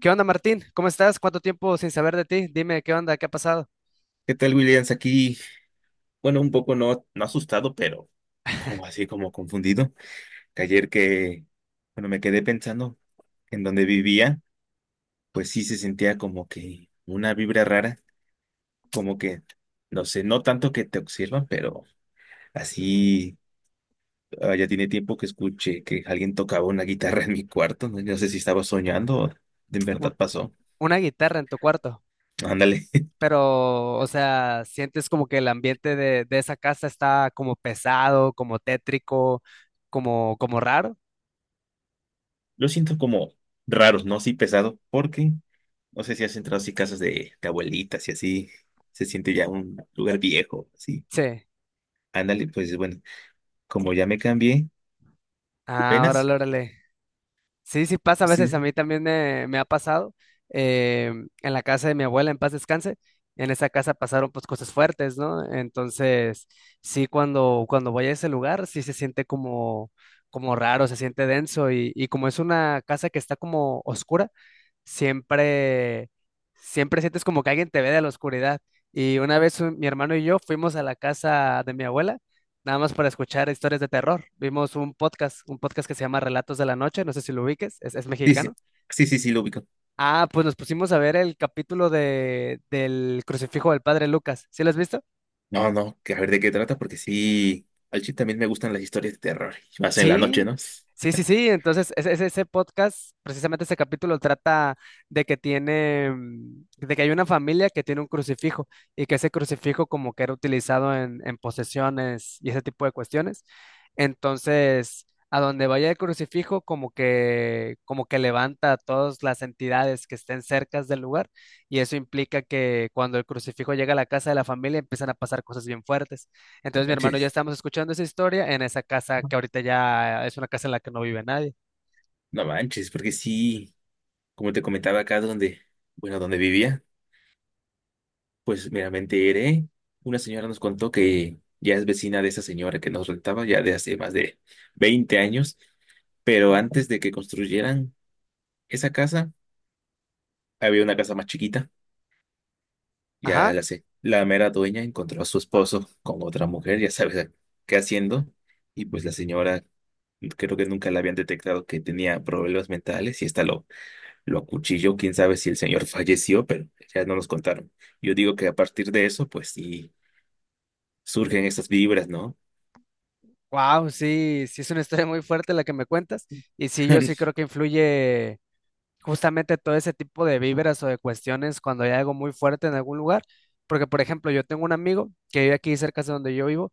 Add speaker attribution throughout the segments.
Speaker 1: ¿Qué onda, Martín? ¿Cómo estás? ¿Cuánto tiempo sin saber de ti? Dime, ¿qué onda? ¿Qué ha pasado?
Speaker 2: ¿Qué tal, Williams? Aquí, bueno, un poco no asustado, pero como así, como confundido. Que ayer que, bueno, me quedé pensando en donde vivía, pues sí se sentía como que una vibra rara, como que, no sé, no tanto que te observan, pero así, ya tiene tiempo que escuché que alguien tocaba una guitarra en mi cuarto, no, no sé si estaba soñando o de
Speaker 1: Un-
Speaker 2: verdad pasó.
Speaker 1: una guitarra en tu cuarto,
Speaker 2: Ándale.
Speaker 1: pero, o sea, ¿sientes como que el ambiente de esa casa está como pesado, como tétrico, como raro?
Speaker 2: Lo siento como raros, ¿no? Sí, pesado, porque... No sé si has entrado así casas de abuelitas y así se siente ya un lugar viejo, así.
Speaker 1: Sí.
Speaker 2: Ándale, pues bueno, como ya me cambié,
Speaker 1: Ah,
Speaker 2: apenas.
Speaker 1: órale, órale. Sí, sí pasa a veces, a
Speaker 2: Sí,
Speaker 1: mí también me ha pasado eh, en la casa de mi abuela, en paz descanse, en esa casa pasaron pues cosas fuertes, ¿no? Entonces, sí, cuando voy a ese lugar, sí se siente como, como raro, se siente denso y como es una casa que está como oscura, siempre, siempre sientes como que alguien te ve de la oscuridad. Y una vez mi hermano y yo fuimos a la casa de mi abuela, nada más para escuchar historias de terror. Vimos un podcast que se llama Relatos de la Noche, no sé si lo ubiques, es
Speaker 2: sí, sí,
Speaker 1: mexicano.
Speaker 2: sí, sí, sí, lo ubico.
Speaker 1: Ah, pues nos pusimos a ver el capítulo del crucifijo del padre Lucas. ¿Sí lo has visto?
Speaker 2: No, no, que a ver de qué trata, porque sí, al chip también me gustan las historias de terror, y más en la noche,
Speaker 1: Sí,
Speaker 2: ¿no?
Speaker 1: sí, sí, sí. Entonces, ese, ese podcast, precisamente ese capítulo trata de que hay una familia que tiene un crucifijo y que ese crucifijo como que era utilizado en posesiones y ese tipo de cuestiones. Entonces, a donde vaya el crucifijo, como que levanta a todas las entidades que estén cercas del lugar y eso implica que cuando el crucifijo llega a la casa de la familia empiezan a pasar cosas bien fuertes.
Speaker 2: No
Speaker 1: Entonces mi hermano y yo
Speaker 2: manches,
Speaker 1: estamos escuchando esa historia en esa casa que ahorita ya es una casa en la que no vive nadie.
Speaker 2: no manches, porque sí, como te comentaba acá donde, bueno, donde vivía. Pues mira, me enteré. Una señora nos contó que ya es vecina de esa señora que nos rentaba ya de hace más de 20 años, pero antes de que construyeran esa casa, había una casa más chiquita. Ya
Speaker 1: Ajá.
Speaker 2: la sé. La mera dueña encontró a su esposo con otra mujer, ya sabes qué haciendo, y pues la señora creo que nunca la habían detectado que tenía problemas mentales y esta lo acuchilló. Quién sabe si el señor falleció, pero ya no nos contaron. Yo digo que a partir de eso, pues sí surgen estas vibras, ¿no?
Speaker 1: Wow, sí, sí es una historia muy fuerte la que me cuentas. Y sí, yo sí creo que influye. Justamente todo ese tipo de víveras o de cuestiones cuando hay algo muy fuerte en algún lugar. Porque, por ejemplo, yo tengo un amigo que vive aquí cerca de donde yo vivo,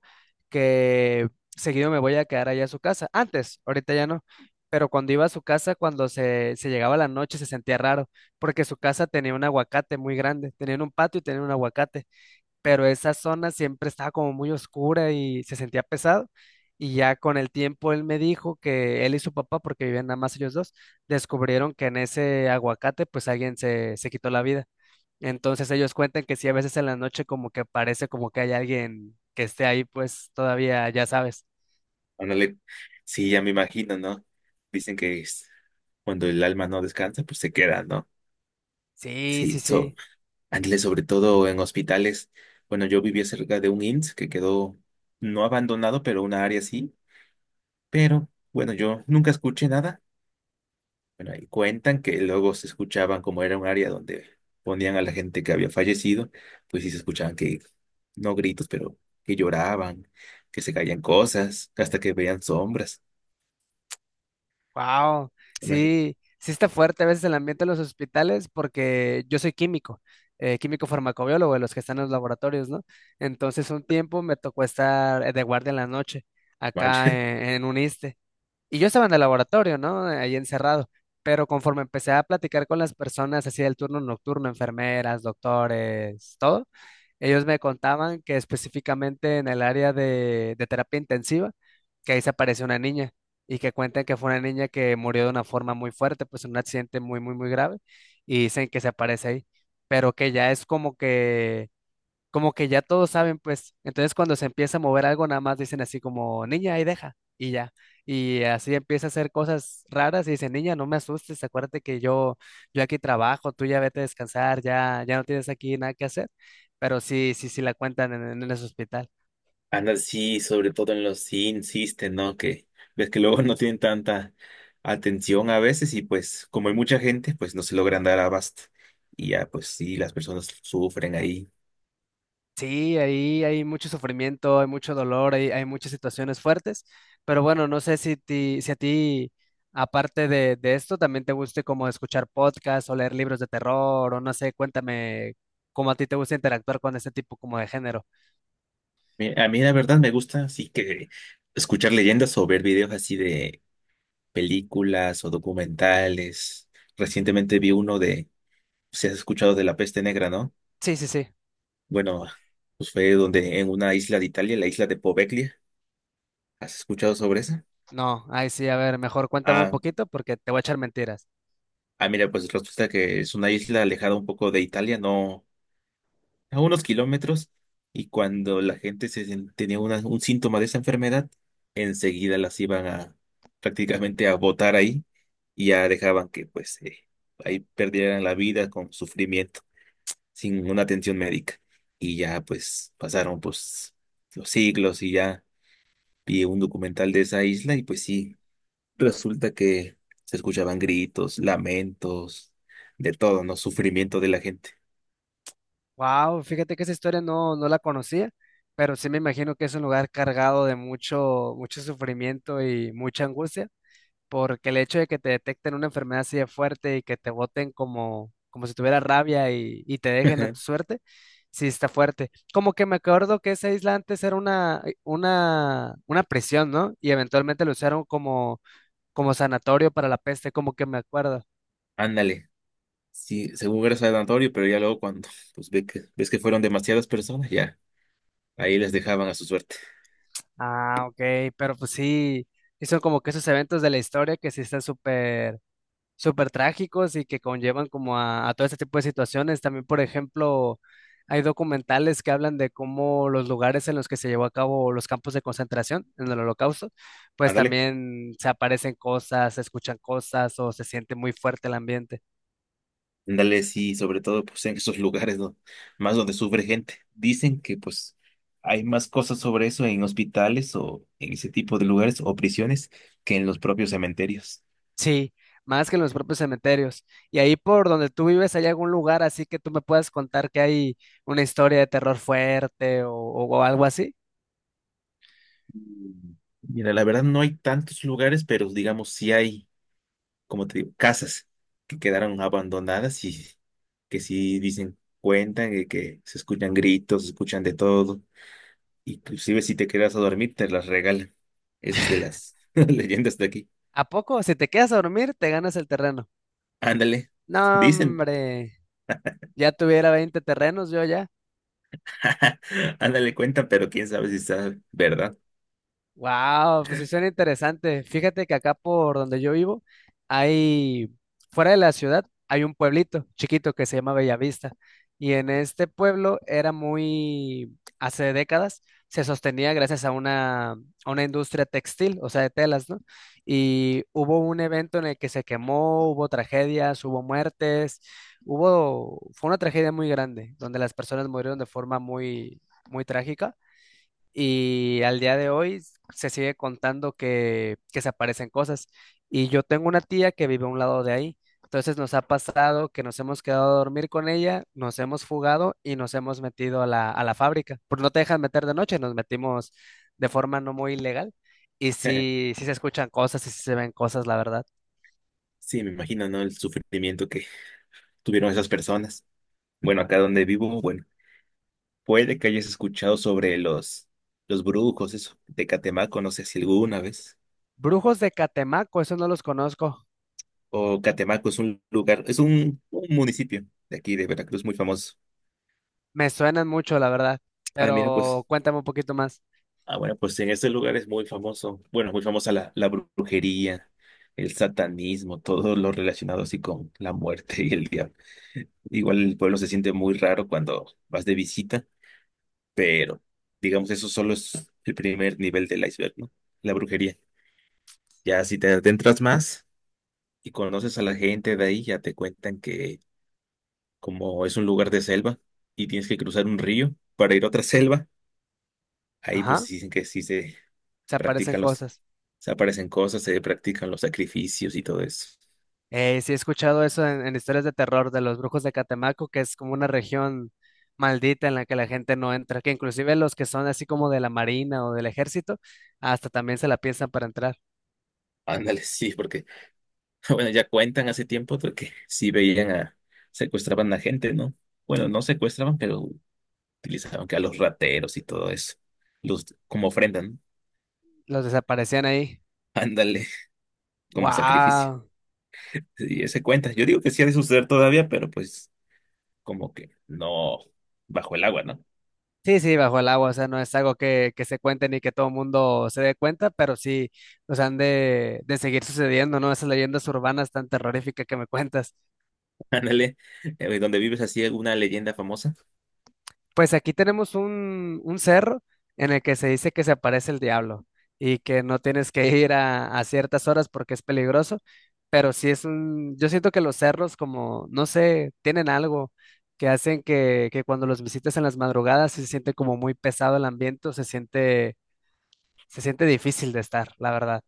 Speaker 1: que seguido me voy a quedar allá a su casa. Antes, ahorita ya no. Pero cuando iba a su casa, cuando se llegaba la noche, se sentía raro, porque su casa tenía un aguacate muy grande, tenía un patio y tenía un aguacate pero esa zona siempre estaba como muy oscura y se sentía pesado. Y ya con el tiempo él me dijo que él y su papá, porque vivían nada más ellos dos, descubrieron que en ese aguacate pues alguien se quitó la vida. Entonces ellos cuentan que sí, a veces en la noche como que parece como que hay alguien que esté ahí pues todavía, ya sabes.
Speaker 2: Ándale. Sí, ya me imagino, ¿no? Dicen que es cuando el alma no descansa, pues se queda, ¿no?
Speaker 1: Sí,
Speaker 2: Sí,
Speaker 1: sí,
Speaker 2: so,
Speaker 1: sí.
Speaker 2: ándale, sobre todo en hospitales. Bueno, yo vivía cerca de un IMSS que quedó no abandonado, pero una área sí. Pero bueno, yo nunca escuché nada. Bueno, ahí cuentan que luego se escuchaban como era un área donde ponían a la gente que había fallecido, pues sí se escuchaban que, no gritos, pero que lloraban, que se caían cosas, hasta que veían sombras.
Speaker 1: Wow,
Speaker 2: Imagínate.
Speaker 1: sí, sí está fuerte a veces el ambiente de los hospitales porque yo soy químico, químico farmacobiólogo de los que están en los laboratorios, ¿no? Entonces un tiempo me tocó estar de guardia en la noche acá en un ISSSTE, y yo estaba en el laboratorio, ¿no? Ahí encerrado. Pero conforme empecé a platicar con las personas así del turno nocturno, enfermeras, doctores, todo, ellos me contaban que específicamente en el área de terapia intensiva, que ahí se apareció una niña y que cuentan que fue una niña que murió de una forma muy fuerte, pues en un accidente muy, muy, muy grave, y dicen que se aparece ahí, pero que ya es como que ya todos saben, pues, entonces cuando se empieza a mover algo, nada más dicen así como, niña, ahí deja, y ya. Y así empieza a hacer cosas raras y dice, niña, no me asustes, acuérdate que yo aquí trabajo, tú ya vete a descansar, ya, ya no tienes aquí nada que hacer. Pero sí, sí, sí la cuentan en ese hospital.
Speaker 2: Anda, sí, sobre todo en los sí insisten, ¿no? Que ves que luego no tienen tanta atención a veces y pues como hay mucha gente, pues no se logran dar abasto y ya pues sí, las personas sufren ahí.
Speaker 1: Sí, ahí hay mucho sufrimiento, hay mucho dolor, hay muchas situaciones fuertes, pero bueno, no sé si a ti, aparte de esto, también te guste como escuchar podcasts o leer libros de terror, o no sé, cuéntame cómo a ti te gusta interactuar con este tipo como de género.
Speaker 2: A mí la verdad me gusta así que escuchar leyendas o ver videos así de películas o documentales. Recientemente vi uno de, si has escuchado de la peste negra, ¿no?
Speaker 1: Sí, sí, sí.
Speaker 2: Bueno, pues fue donde en una isla de Italia, la isla de Poveglia. ¿Has escuchado sobre esa?
Speaker 1: No, ahí sí, a ver, mejor cuéntame un
Speaker 2: Ah,
Speaker 1: poquito porque te voy a echar mentiras.
Speaker 2: Ah, mira, pues resulta que es una isla alejada un poco de Italia, no, a unos kilómetros, y cuando la gente se, tenía un síntoma de esa enfermedad, enseguida las iban a prácticamente a botar ahí y ya dejaban que pues ahí perdieran la vida con sufrimiento, sin una atención médica. Y ya pues pasaron pues los siglos y ya vi un documental de esa isla y pues sí. Resulta que se escuchaban gritos, lamentos, de todo, ¿no? Sufrimiento de la gente.
Speaker 1: Wow, fíjate que esa historia no, no la conocía, pero sí me imagino que es un lugar cargado de mucho, mucho sufrimiento y mucha angustia. Porque el hecho de que te detecten una enfermedad así de fuerte y que te boten como, como si tuviera rabia y te dejen a
Speaker 2: Ajá.
Speaker 1: tu suerte, sí está fuerte. Como que me acuerdo que esa isla antes era una prisión, ¿no? Y eventualmente lo usaron como, como sanatorio para la peste, como que me acuerdo.
Speaker 2: Ándale. Sí, según era sanatorio, pero ya luego cuando pues ve que, ves que fueron demasiadas personas, ya ahí les dejaban a su suerte.
Speaker 1: Ah, ok, pero pues sí, hizo como que esos eventos de la historia que sí están súper súper trágicos y que conllevan como a todo este tipo de situaciones. También, por ejemplo, hay documentales que hablan de cómo los lugares en los que se llevó a cabo los campos de concentración en el Holocausto, pues
Speaker 2: Ándale.
Speaker 1: también se aparecen cosas, se escuchan cosas o se siente muy fuerte el ambiente.
Speaker 2: Ándale, sí, sobre todo pues en esos lugares, ¿no? Más donde sufre gente. Dicen que pues hay más cosas sobre eso en hospitales o en ese tipo de lugares o prisiones que en los propios cementerios.
Speaker 1: Sí, más que en los propios cementerios. Y ahí por donde tú vives, ¿hay algún lugar así que tú me puedas contar que hay una historia de terror fuerte o algo así?
Speaker 2: Mm, mira, la verdad no hay tantos lugares, pero digamos sí hay como te digo, casas que quedaron abandonadas y que sí dicen, cuentan y que se escuchan gritos, se escuchan de todo. Inclusive si te quedas a dormir, te las regalan. Esa es de las leyendas de aquí.
Speaker 1: ¿A poco? Si te quedas a dormir, te ganas el terreno.
Speaker 2: Ándale,
Speaker 1: No,
Speaker 2: dicen.
Speaker 1: hombre. Ya tuviera 20 terrenos yo ya.
Speaker 2: Ándale, cuentan, pero quién sabe si está verdad.
Speaker 1: Wow, pues sí suena interesante. Fíjate que acá por donde yo vivo hay, fuera de la ciudad, hay un pueblito chiquito que se llama Bellavista. Y en este pueblo era muy, hace décadas, se sostenía gracias a una industria textil, o sea, de telas, ¿no? Y hubo un evento en el que se quemó, hubo tragedias, hubo muertes, hubo, fue una tragedia muy grande, donde las personas murieron de forma muy, muy trágica y al día de hoy se sigue contando que se aparecen cosas. Y yo tengo una tía que vive a un lado de ahí. Entonces nos ha pasado que nos hemos quedado a dormir con ella, nos hemos fugado y nos hemos metido a la fábrica. Porque no te dejan meter de noche, nos metimos de forma no muy ilegal. Y sí, sí se escuchan cosas y sí se ven cosas, la verdad.
Speaker 2: Sí, me imagino, ¿no? El sufrimiento que tuvieron esas personas. Bueno, acá donde vivo, bueno, puede que hayas escuchado sobre los brujos, eso, de Catemaco, no sé si alguna vez.
Speaker 1: Brujos de Catemaco, esos no los conozco.
Speaker 2: O Catemaco es un lugar, es un municipio de aquí de Veracruz muy famoso.
Speaker 1: Me suenan mucho, la verdad.
Speaker 2: Ah, mira,
Speaker 1: Pero
Speaker 2: pues.
Speaker 1: cuéntame un poquito más.
Speaker 2: Ah, bueno, pues en este lugar es muy famoso. Bueno, muy famosa la brujería, el satanismo, todo lo relacionado así con la muerte y el diablo. Igual el pueblo se siente muy raro cuando vas de visita, pero digamos eso solo es el primer nivel del iceberg, ¿no? La brujería. Ya si te adentras más y conoces a la gente de ahí, ya te cuentan que como es un lugar de selva y tienes que cruzar un río para ir a otra selva, ahí pues
Speaker 1: Ajá,
Speaker 2: dicen que sí se
Speaker 1: se aparecen
Speaker 2: practican los,
Speaker 1: cosas.
Speaker 2: se aparecen cosas, se practican los sacrificios y todo eso.
Speaker 1: Sí, he escuchado eso en historias de terror de los brujos de Catemaco, que es como una región maldita en la que la gente no entra, que inclusive los que son así como de la marina o del ejército, hasta también se la piensan para entrar.
Speaker 2: Ándale, sí, porque, bueno, ya cuentan hace tiempo de que sí veían a, secuestraban a gente, ¿no? Bueno, no secuestraban, pero utilizaban que a los rateros y todo eso, los, como ofrenda, ¿no?
Speaker 1: Los desaparecían ahí.
Speaker 2: Ándale, como sacrificio.
Speaker 1: ¡Wow!
Speaker 2: Y ese cuenta. Yo digo que sí ha de suceder todavía, pero pues como que no bajo el agua, ¿no?
Speaker 1: Sí, sí, bajo el agua, o sea, no es algo que se cuente ni que todo el mundo se dé cuenta, pero sí, nos han de seguir sucediendo, ¿no? Esas leyendas urbanas tan terroríficas que me cuentas.
Speaker 2: Ándale, donde vives así alguna leyenda famosa.
Speaker 1: Pues aquí tenemos un cerro en el que se dice que se aparece el diablo y que no tienes que ir a ciertas horas porque es peligroso, pero sí es un, yo siento que los cerros como, no sé, tienen algo que hacen que cuando los visitas en las madrugadas sí se siente como muy pesado el ambiente, o se siente difícil de estar, la verdad.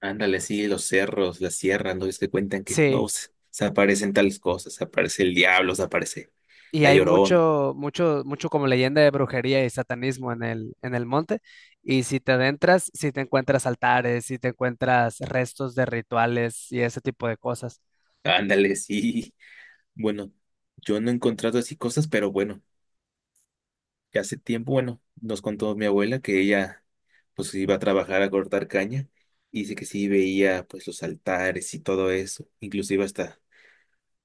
Speaker 2: Ándale, sí, los cerros, las sierras, ¿no? Es que cuentan que no
Speaker 1: Sí.
Speaker 2: se, se aparecen tales cosas, se aparece el diablo, se aparece
Speaker 1: Y
Speaker 2: la
Speaker 1: hay
Speaker 2: llorona.
Speaker 1: mucho, mucho, mucho como leyenda de brujería y satanismo en el monte. Y si te adentras, si te encuentras altares, si te encuentras restos de rituales y ese tipo de cosas.
Speaker 2: Ándale, sí. Bueno, yo no he encontrado así cosas, pero bueno, ya hace tiempo, bueno, nos contó mi abuela que ella pues iba a trabajar a cortar caña y dice que sí veía pues los altares y todo eso, inclusive hasta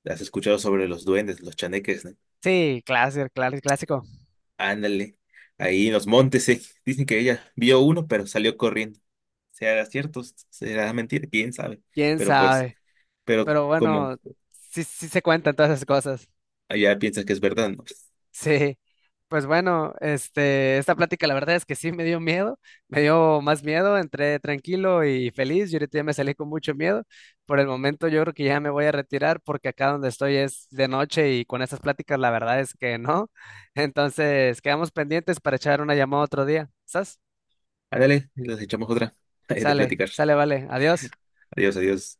Speaker 2: has escuchado sobre los duendes, los chaneques, ¿no?
Speaker 1: Sí, clásico, clásico, clásico.
Speaker 2: Ándale, ahí en los montes, eh. Dicen que ella vio uno, pero salió corriendo. Será cierto, será mentira, quién sabe.
Speaker 1: ¿Quién
Speaker 2: Pero pues,
Speaker 1: sabe?
Speaker 2: pero
Speaker 1: Pero
Speaker 2: como
Speaker 1: bueno, sí, sí se cuentan todas esas cosas.
Speaker 2: allá piensas que es verdad, ¿no?
Speaker 1: Sí, pues bueno, este, esta plática la verdad es que sí me dio miedo, me dio más miedo, entré tranquilo y feliz, yo ahorita ya me salí con mucho miedo, por el momento yo creo que ya me voy a retirar porque acá donde estoy es de noche y con estas pláticas la verdad es que no, entonces quedamos pendientes para echar una llamada otro día, ¿sas?
Speaker 2: Ándale, les echamos otra de
Speaker 1: Sale,
Speaker 2: platicar.
Speaker 1: sale, vale, adiós.
Speaker 2: Adiós, adiós.